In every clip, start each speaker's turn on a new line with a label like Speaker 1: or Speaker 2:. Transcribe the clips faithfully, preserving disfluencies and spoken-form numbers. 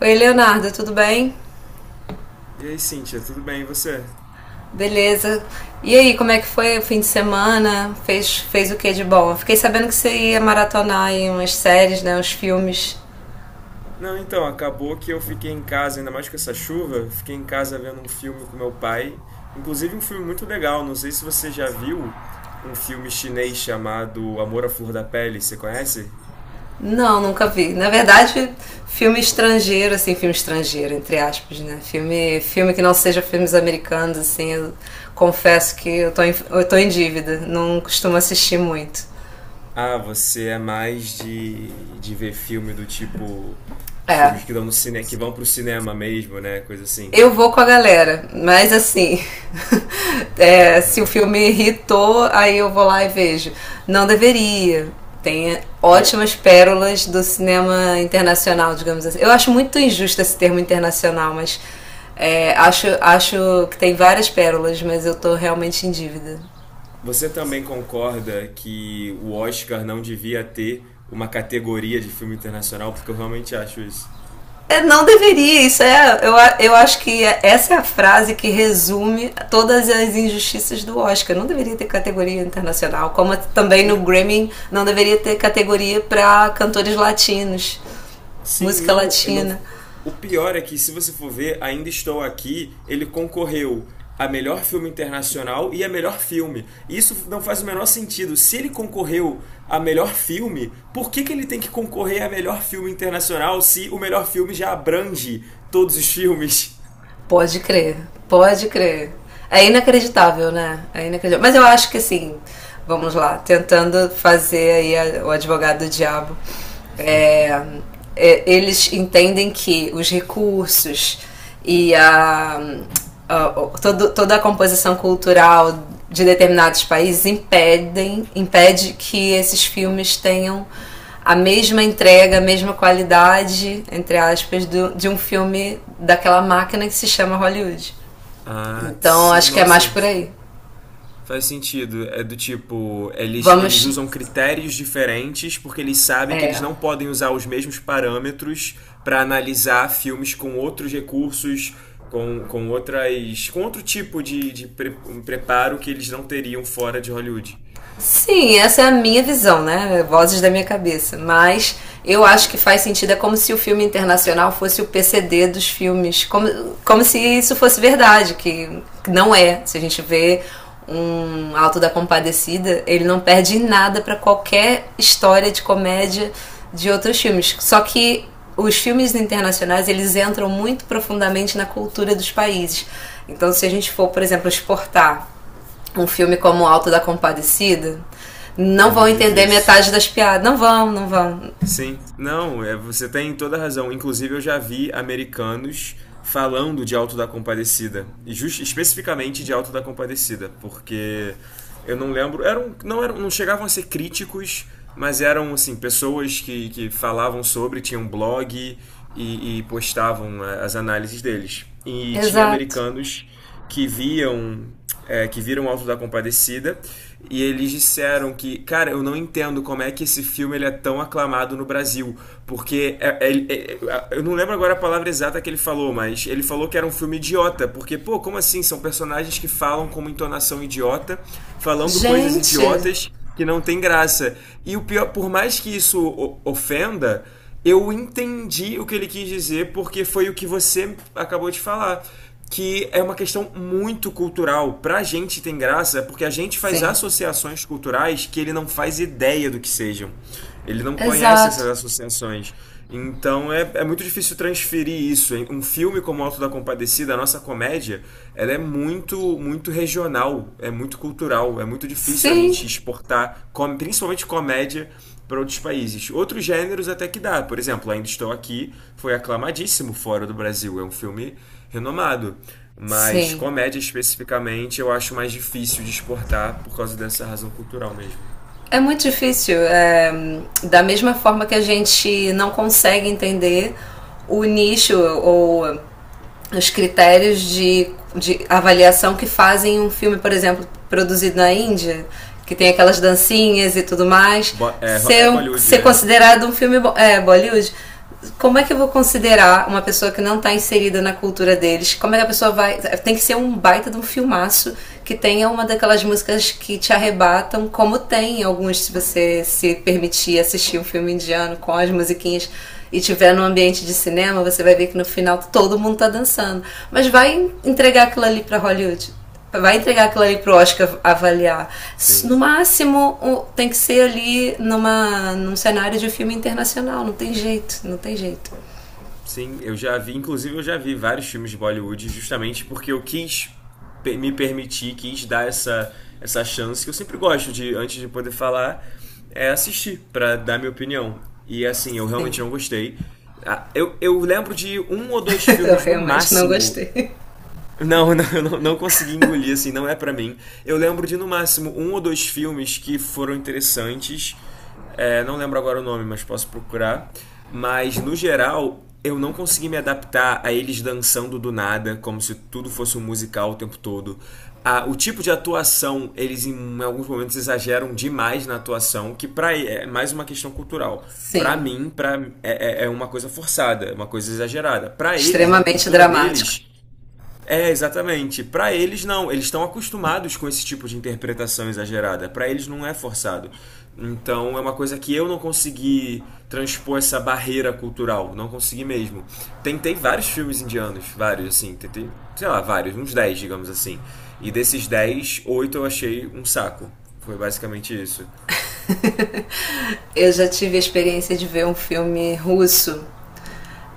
Speaker 1: Oi, Leonardo, tudo bem?
Speaker 2: E aí, Cíntia, tudo bem? E você?
Speaker 1: Beleza. E aí, como é que foi o fim de semana? Fez, fez o que de bom? Eu fiquei sabendo que você ia maratonar aí umas séries, né? Uns filmes.
Speaker 2: Não, então, acabou que eu fiquei em casa, ainda mais com essa chuva, fiquei em casa vendo um filme com meu pai, inclusive um filme muito legal, não sei se você já viu um filme chinês chamado Amor à Flor da Pele, você conhece?
Speaker 1: Não, nunca vi. Na verdade, filme estrangeiro, assim, filme estrangeiro, entre aspas, né? Filme, filme que não seja filmes americanos, assim, eu confesso que eu tô em, eu tô em dívida, não costumo assistir muito.
Speaker 2: Ah, você é mais de, de ver filme do tipo os
Speaker 1: É,
Speaker 2: filmes que dão no cine, que vão pro cinema mesmo, né? Coisa assim.
Speaker 1: eu vou com a galera, mas assim, é, se o filme irritou, aí eu vou lá e vejo. Não deveria. Tem
Speaker 2: Mas
Speaker 1: ótimas pérolas do cinema internacional, digamos assim. Eu acho muito injusto esse termo internacional, mas é, acho, acho que tem várias pérolas, mas eu tô realmente em dívida.
Speaker 2: você também concorda que o Oscar não devia ter uma categoria de filme internacional, porque eu realmente acho isso.
Speaker 1: É, não deveria, isso é. Eu, eu acho que é, essa é a frase que resume todas as injustiças do Oscar. Não deveria ter categoria internacional, como também no
Speaker 2: Na-
Speaker 1: Grammy não deveria ter categoria para cantores latinos,
Speaker 2: Sim,
Speaker 1: música
Speaker 2: não, eu não.
Speaker 1: latina.
Speaker 2: O pior é que, se você for ver, Ainda Estou Aqui, ele concorreu a melhor filme internacional e a melhor filme. Isso não faz o menor sentido. Se ele concorreu a melhor filme, por que que ele tem que concorrer a melhor filme internacional se o melhor filme já abrange todos os filmes?
Speaker 1: Pode crer, pode crer. É inacreditável, né? É inacreditável. Mas eu acho que assim, vamos lá, tentando fazer aí a- o advogado do diabo. É, é, eles entendem que os recursos e a, a- o- todo- toda a composição cultural de determinados países impedem, impede que esses filmes tenham a mesma entrega, a mesma qualidade, entre aspas, do, de um filme daquela máquina que se chama Hollywood.
Speaker 2: Ah,
Speaker 1: Então
Speaker 2: sim,
Speaker 1: acho que é mais
Speaker 2: nossa,
Speaker 1: por aí.
Speaker 2: faz sentido. É do tipo, eles, eles
Speaker 1: Vamos.
Speaker 2: usam critérios diferentes porque eles sabem que eles
Speaker 1: É.
Speaker 2: não podem usar os mesmos parâmetros para analisar filmes com outros recursos, com, com outras. Com outro tipo de, de pre- um preparo que eles não teriam fora de Hollywood.
Speaker 1: Sim, essa é a minha visão, né? Vozes da minha cabeça. Mas eu acho que faz sentido, é como se o filme internacional fosse o P C D dos filmes. Como, como se isso fosse verdade, que não é. Se a gente vê um Alto da Compadecida, ele não perde nada para qualquer história de comédia de outros filmes. Só que os filmes internacionais, eles entram muito profundamente na cultura dos países. Então, se a gente for, por exemplo, exportar um filme como Alto da Compadecida,
Speaker 2: É
Speaker 1: não vão
Speaker 2: muito
Speaker 1: entender
Speaker 2: difícil.
Speaker 1: metade das piadas. Não vão, não vão.
Speaker 2: Sim, não, é, você tem toda a razão. Inclusive, eu já vi americanos falando de Alto da Compadecida, e just, especificamente de Alto da Compadecida, porque eu não lembro, eram, não eram, não chegavam a ser críticos, mas eram assim pessoas que, que falavam sobre, tinham blog e, e postavam a- as análises deles. E tinha
Speaker 1: Exato.
Speaker 2: americanos que viam é, que viram o Auto da Compadecida e eles disseram que, cara, eu não entendo como é que esse filme ele é tão aclamado no Brasil, porque é- é- é- é, eu não lembro agora a palavra exata que ele falou, mas ele falou que era um filme idiota, porque, pô, como assim? São personagens que falam com uma entonação idiota, falando coisas
Speaker 1: Gente.
Speaker 2: idiotas que não tem graça. E o pior, por mais que isso o- ofenda, eu entendi o que ele quis dizer, porque foi o que você acabou de falar. Que é uma questão muito cultural. Pra gente tem graça, é porque a gente faz
Speaker 1: Sim.
Speaker 2: associações culturais que ele não faz ideia do que sejam. Ele não conhece
Speaker 1: Exato.
Speaker 2: essas associações. Então é, é muito difícil transferir isso. Um filme como o Alto da Compadecida, a nossa comédia, ela é muito, muito regional, é muito cultural, é muito difícil a
Speaker 1: Sim.
Speaker 2: gente exportar, com- principalmente comédia, para outros países. Outros gêneros até que dá. Por exemplo, Ainda Estou Aqui foi aclamadíssimo fora do Brasil. É um filme renomado. Mas
Speaker 1: Sim.
Speaker 2: comédia especificamente eu acho mais difícil de exportar por causa dessa razão cultural mesmo.
Speaker 1: É muito difícil. É, da mesma forma que a gente não consegue entender o nicho ou os critérios de, de avaliação que fazem um filme, por exemplo, produzido na Índia, que tem aquelas dancinhas e tudo mais,
Speaker 2: Bo- é, é
Speaker 1: ser, um-
Speaker 2: Bollywood,
Speaker 1: ser
Speaker 2: né?
Speaker 1: considerado um filme é, Bollywood. Como é que eu vou considerar uma pessoa que não está inserida na cultura deles? Como é que a pessoa vai. Tem que ser um baita de um filmaço que tenha uma daquelas músicas que te arrebatam, como tem alguns, se você se permitir assistir um filme indiano com as musiquinhas e tiver num ambiente de cinema, você vai ver que no final todo mundo tá dançando. Mas vai entregar aquilo ali para Hollywood? Vai entregar aquilo ali pro Oscar avaliar. No
Speaker 2: Sim.
Speaker 1: máximo, tem que ser ali numa, num cenário de filme internacional. Não tem jeito, não tem jeito.
Speaker 2: Sim, eu já vi, inclusive eu já vi vários filmes de Bollywood justamente porque eu quis pe- me permitir, quis dar essa, essa chance que eu sempre gosto de, antes de poder falar, é assistir pra dar minha opinião. E assim, eu realmente
Speaker 1: Sim.
Speaker 2: não gostei. Ah, Eu, eu lembro de um ou dois
Speaker 1: Eu
Speaker 2: filmes no
Speaker 1: realmente não
Speaker 2: máximo
Speaker 1: gostei.
Speaker 2: não, não, eu não, não consegui engolir, assim, não é pra mim. Eu lembro de no máximo um ou dois filmes que foram interessantes. É, não lembro agora o nome, mas posso procurar. Mas no geral, eu não consegui me adaptar a eles dançando do nada, como se tudo fosse um musical o tempo todo. A- o tipo de atuação, eles em alguns momentos exageram demais na atuação, que pra, é mais uma questão cultural. Pra
Speaker 1: Sim.
Speaker 2: mim, pra, é, é é uma coisa forçada, é uma coisa exagerada. Pra eles, na
Speaker 1: Extremamente
Speaker 2: cultura
Speaker 1: dramático.
Speaker 2: deles, é, exatamente. Pra eles não, eles estão acostumados com esse tipo de interpretação exagerada. Pra eles não é forçado. Então é uma coisa que eu não consegui transpor essa barreira cultural, não consegui mesmo. Tentei vários filmes indianos, vários assim, tentei, sei lá, vários, uns dez, digamos assim. E desses dez, oito eu achei um saco. Foi basicamente isso.
Speaker 1: Eu já tive a experiência de ver um filme russo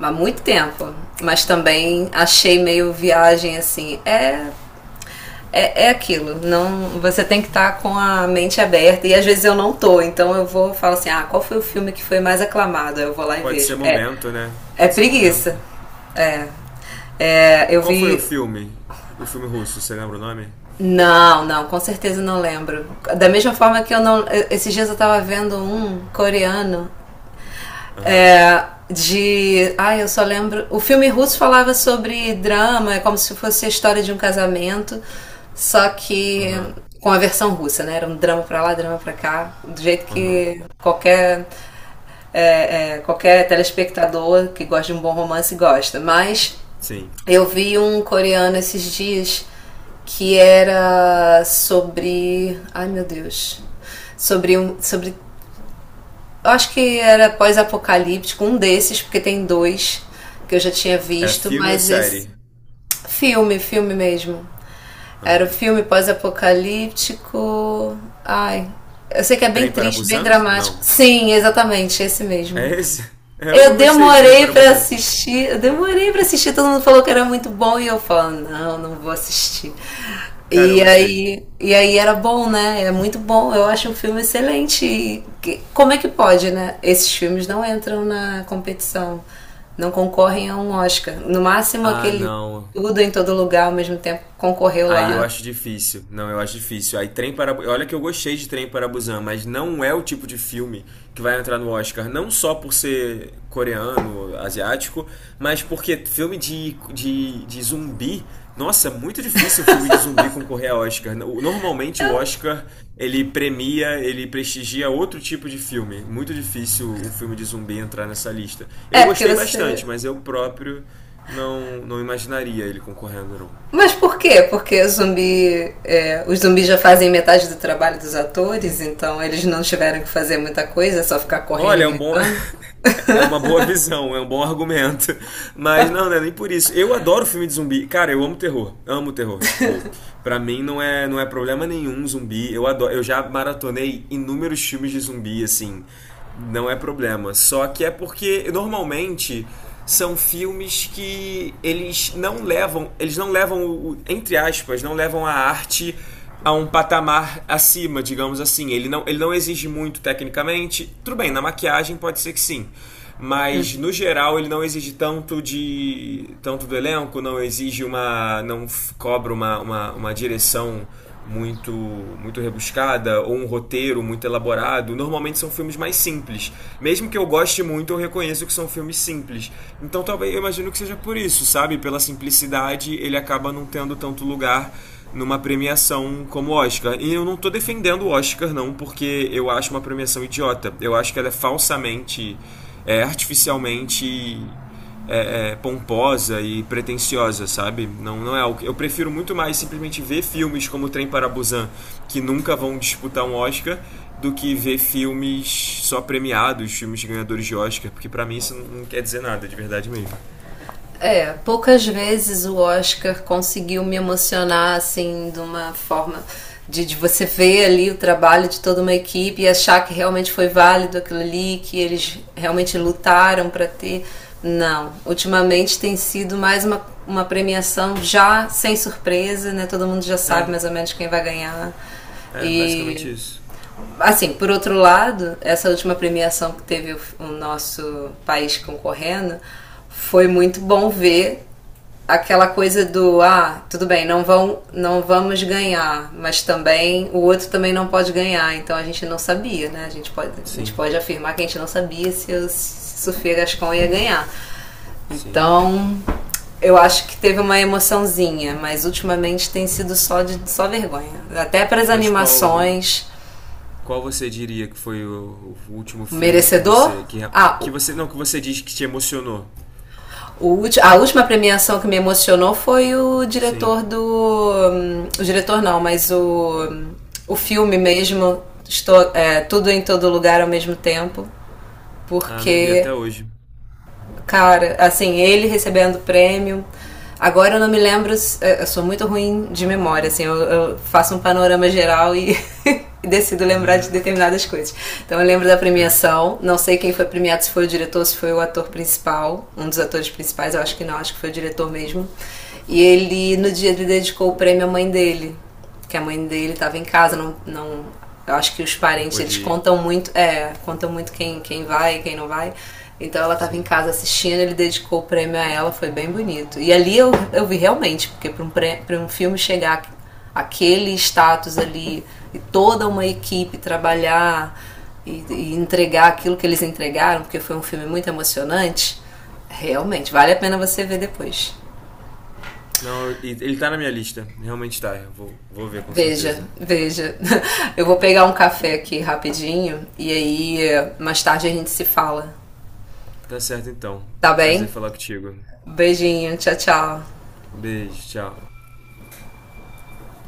Speaker 1: há muito tempo, mas também achei meio viagem assim. É É, é aquilo, não, você tem que estar tá com a mente aberta e às vezes eu não tô, então eu vou falo assim, ah, qual foi o filme que foi mais aclamado? Aí eu vou lá e
Speaker 2: Pode ser
Speaker 1: vejo. É,
Speaker 2: momento, né?
Speaker 1: é
Speaker 2: Pode ser
Speaker 1: preguiça.
Speaker 2: momento.
Speaker 1: É, eu
Speaker 2: Qual foi o
Speaker 1: vi,
Speaker 2: filme? O filme russo, você lembra o nome?
Speaker 1: não, não, com certeza não lembro. Da mesma forma que eu não, esses dias eu tava vendo um coreano.
Speaker 2: Aham.
Speaker 1: É, de. Ah, eu só lembro. O filme russo falava sobre drama, é como se fosse a história de um casamento, só que
Speaker 2: Aham.
Speaker 1: com a versão russa, né? Era um drama pra lá, drama pra cá, do jeito
Speaker 2: Aham.
Speaker 1: que qualquer. é, é, qualquer telespectador que gosta de um bom romance gosta. Mas
Speaker 2: Sim.
Speaker 1: eu vi um coreano esses dias que era sobre. Ai meu Deus. Sobre, um, sobre eu acho que era pós-apocalíptico, um desses, porque tem dois que eu já tinha
Speaker 2: É
Speaker 1: visto,
Speaker 2: filme ou
Speaker 1: mas esse
Speaker 2: série?
Speaker 1: filme, filme mesmo. Era o
Speaker 2: Aham.
Speaker 1: filme pós-apocalíptico. Ai, eu sei que é bem
Speaker 2: Trem para
Speaker 1: triste, bem
Speaker 2: Busan?
Speaker 1: dramático.
Speaker 2: Não.
Speaker 1: Sim, exatamente, esse mesmo.
Speaker 2: É esse? É, eu eu
Speaker 1: Eu
Speaker 2: gostei de Trem
Speaker 1: demorei
Speaker 2: para
Speaker 1: pra
Speaker 2: Busan.
Speaker 1: assistir, eu demorei pra assistir, todo mundo falou que era muito bom e eu falo, não, não vou assistir.
Speaker 2: Cara, eu
Speaker 1: E
Speaker 2: gostei.
Speaker 1: aí, e aí era bom, né? É muito bom, eu acho o filme excelente. E que- como é que pode, né? Esses filmes não entram na competição, não concorrem a um Oscar. No máximo
Speaker 2: Ah,
Speaker 1: aquele
Speaker 2: não.
Speaker 1: Tudo em Todo Lugar ao Mesmo Tempo concorreu
Speaker 2: Aí eu
Speaker 1: lá.
Speaker 2: acho difícil. Não, eu acho difícil. Aí Trem para olha que eu gostei de Trem para Busan, mas não é o tipo de filme que vai entrar no Oscar, não só por ser coreano, asiático, mas porque filme de, de, de zumbi. Nossa, muito difícil um filme de zumbi concorrer a Oscar. Normalmente o Oscar ele premia, ele prestigia outro tipo de filme. Muito difícil um filme de zumbi entrar nessa lista. Eu
Speaker 1: É, porque
Speaker 2: gostei
Speaker 1: você.
Speaker 2: bastante, mas eu próprio não, não imaginaria ele concorrendo, não.
Speaker 1: Mas por quê? Porque zumbi, é, os zumbis já fazem metade do trabalho dos atores, então eles não tiveram que fazer muita coisa, é só ficar correndo e
Speaker 2: Olha, é um bom.
Speaker 1: gritando.
Speaker 2: É uma boa visão, é um bom argumento. Mas não, não é nem por isso. Eu adoro filme de zumbi. Cara, eu amo terror. Amo terror. Tipo, pra mim não é, não é problema nenhum zumbi. Eu adoro. Eu já maratonei inúmeros filmes de zumbi, assim. Não é problema. Só que é porque normalmente são filmes que eles não levam, eles não levam, o- o- entre aspas, não levam a arte a um patamar acima, digamos assim. Ele não, ele não exige muito tecnicamente. Tudo bem, na maquiagem pode ser que sim. Mas no geral ele não exige tanto de tanto do elenco, não exige uma não f- cobra uma, uma, uma direção muito muito rebuscada ou um roteiro muito elaborado. Normalmente são filmes mais simples. Mesmo que eu goste muito, eu reconheço que são filmes simples. Então talvez eu imagino que seja por isso, sabe? Pela simplicidade, ele acaba não tendo tanto lugar numa premiação como o Oscar. E eu não tô defendendo o Oscar, não, porque eu acho uma premiação idiota. Eu acho que ela é falsamente, é, artificialmente é, é, pomposa e pretensiosa, sabe? Não, não é algo. que- Eu prefiro muito mais simplesmente ver filmes como Trem para Busan, que nunca vão disputar um Oscar, do que ver filmes só premiados, filmes ganhadores de Oscar, porque pra mim isso não quer dizer nada, de verdade mesmo.
Speaker 1: É, poucas vezes o Oscar conseguiu me emocionar assim de uma forma de, de você ver ali o trabalho de toda uma equipe e achar que realmente foi válido aquilo ali, que eles realmente lutaram para ter. Não, ultimamente tem sido mais uma, uma premiação já sem surpresa, né? Todo mundo já sabe
Speaker 2: É,
Speaker 1: mais ou menos quem vai ganhar.
Speaker 2: é basicamente
Speaker 1: E
Speaker 2: isso.
Speaker 1: assim, por outro lado, essa última premiação que teve o, o nosso país concorrendo foi muito bom ver aquela coisa do ah, tudo bem, não vão não vamos ganhar, mas também o outro também não pode ganhar, então a gente não sabia, né? A gente pode, a gente
Speaker 2: Sim,
Speaker 1: pode afirmar que a gente não sabia se o Sofia Gascon ia ganhar.
Speaker 2: sim.
Speaker 1: Então, eu acho que teve uma emoçãozinha, mas ultimamente tem sido só de só vergonha. Até para as
Speaker 2: Mas qual
Speaker 1: animações,
Speaker 2: qual você diria que foi o, o último filme que
Speaker 1: merecedor?
Speaker 2: você que,
Speaker 1: Ah,
Speaker 2: que
Speaker 1: o,
Speaker 2: você não que você diz que te emocionou?
Speaker 1: a última premiação que me emocionou foi o
Speaker 2: Sim.
Speaker 1: diretor do. Hum, o diretor não, mas o, o filme mesmo, estou, é, Tudo em Todo Lugar ao Mesmo Tempo,
Speaker 2: Ah, não vi
Speaker 1: porque
Speaker 2: até hoje.
Speaker 1: cara, assim, ele recebendo prêmio. Agora eu não me lembro, eu sou muito ruim de memória, assim, eu, eu faço um panorama geral e, e decido lembrar de
Speaker 2: Hum,
Speaker 1: determinadas coisas. Então eu lembro da premiação, não sei quem foi premiado, se foi o diretor, se foi o ator principal, um dos atores principais, eu acho que não, acho que foi o diretor mesmo. E ele, no dia, ele dedicou o prêmio à mãe dele, que a mãe dele estava em casa, não, não, eu acho que os
Speaker 2: não
Speaker 1: parentes
Speaker 2: pode
Speaker 1: eles
Speaker 2: ir.
Speaker 1: contam muito, é, contam muito quem quem vai e quem não vai. Então ela estava em
Speaker 2: Sim.
Speaker 1: casa assistindo, ele dedicou o prêmio a ela, foi bem bonito. E ali eu, eu vi realmente, porque para um, pré- pra um filme chegar aquele status ali e toda uma equipe trabalhar e, e entregar aquilo que eles entregaram, porque foi um filme muito emocionante, realmente vale a pena você ver depois.
Speaker 2: Não, e- ele tá na minha lista. Realmente tá. Eu vou, vou ver com
Speaker 1: Veja,
Speaker 2: certeza.
Speaker 1: veja. Eu vou pegar um café aqui rapidinho e aí eh, mais tarde a gente se fala.
Speaker 2: Tá certo então.
Speaker 1: Tá
Speaker 2: Prazer
Speaker 1: bem?
Speaker 2: falar contigo.
Speaker 1: Beijinho, tchau, tchau.
Speaker 2: Beijo, tchau.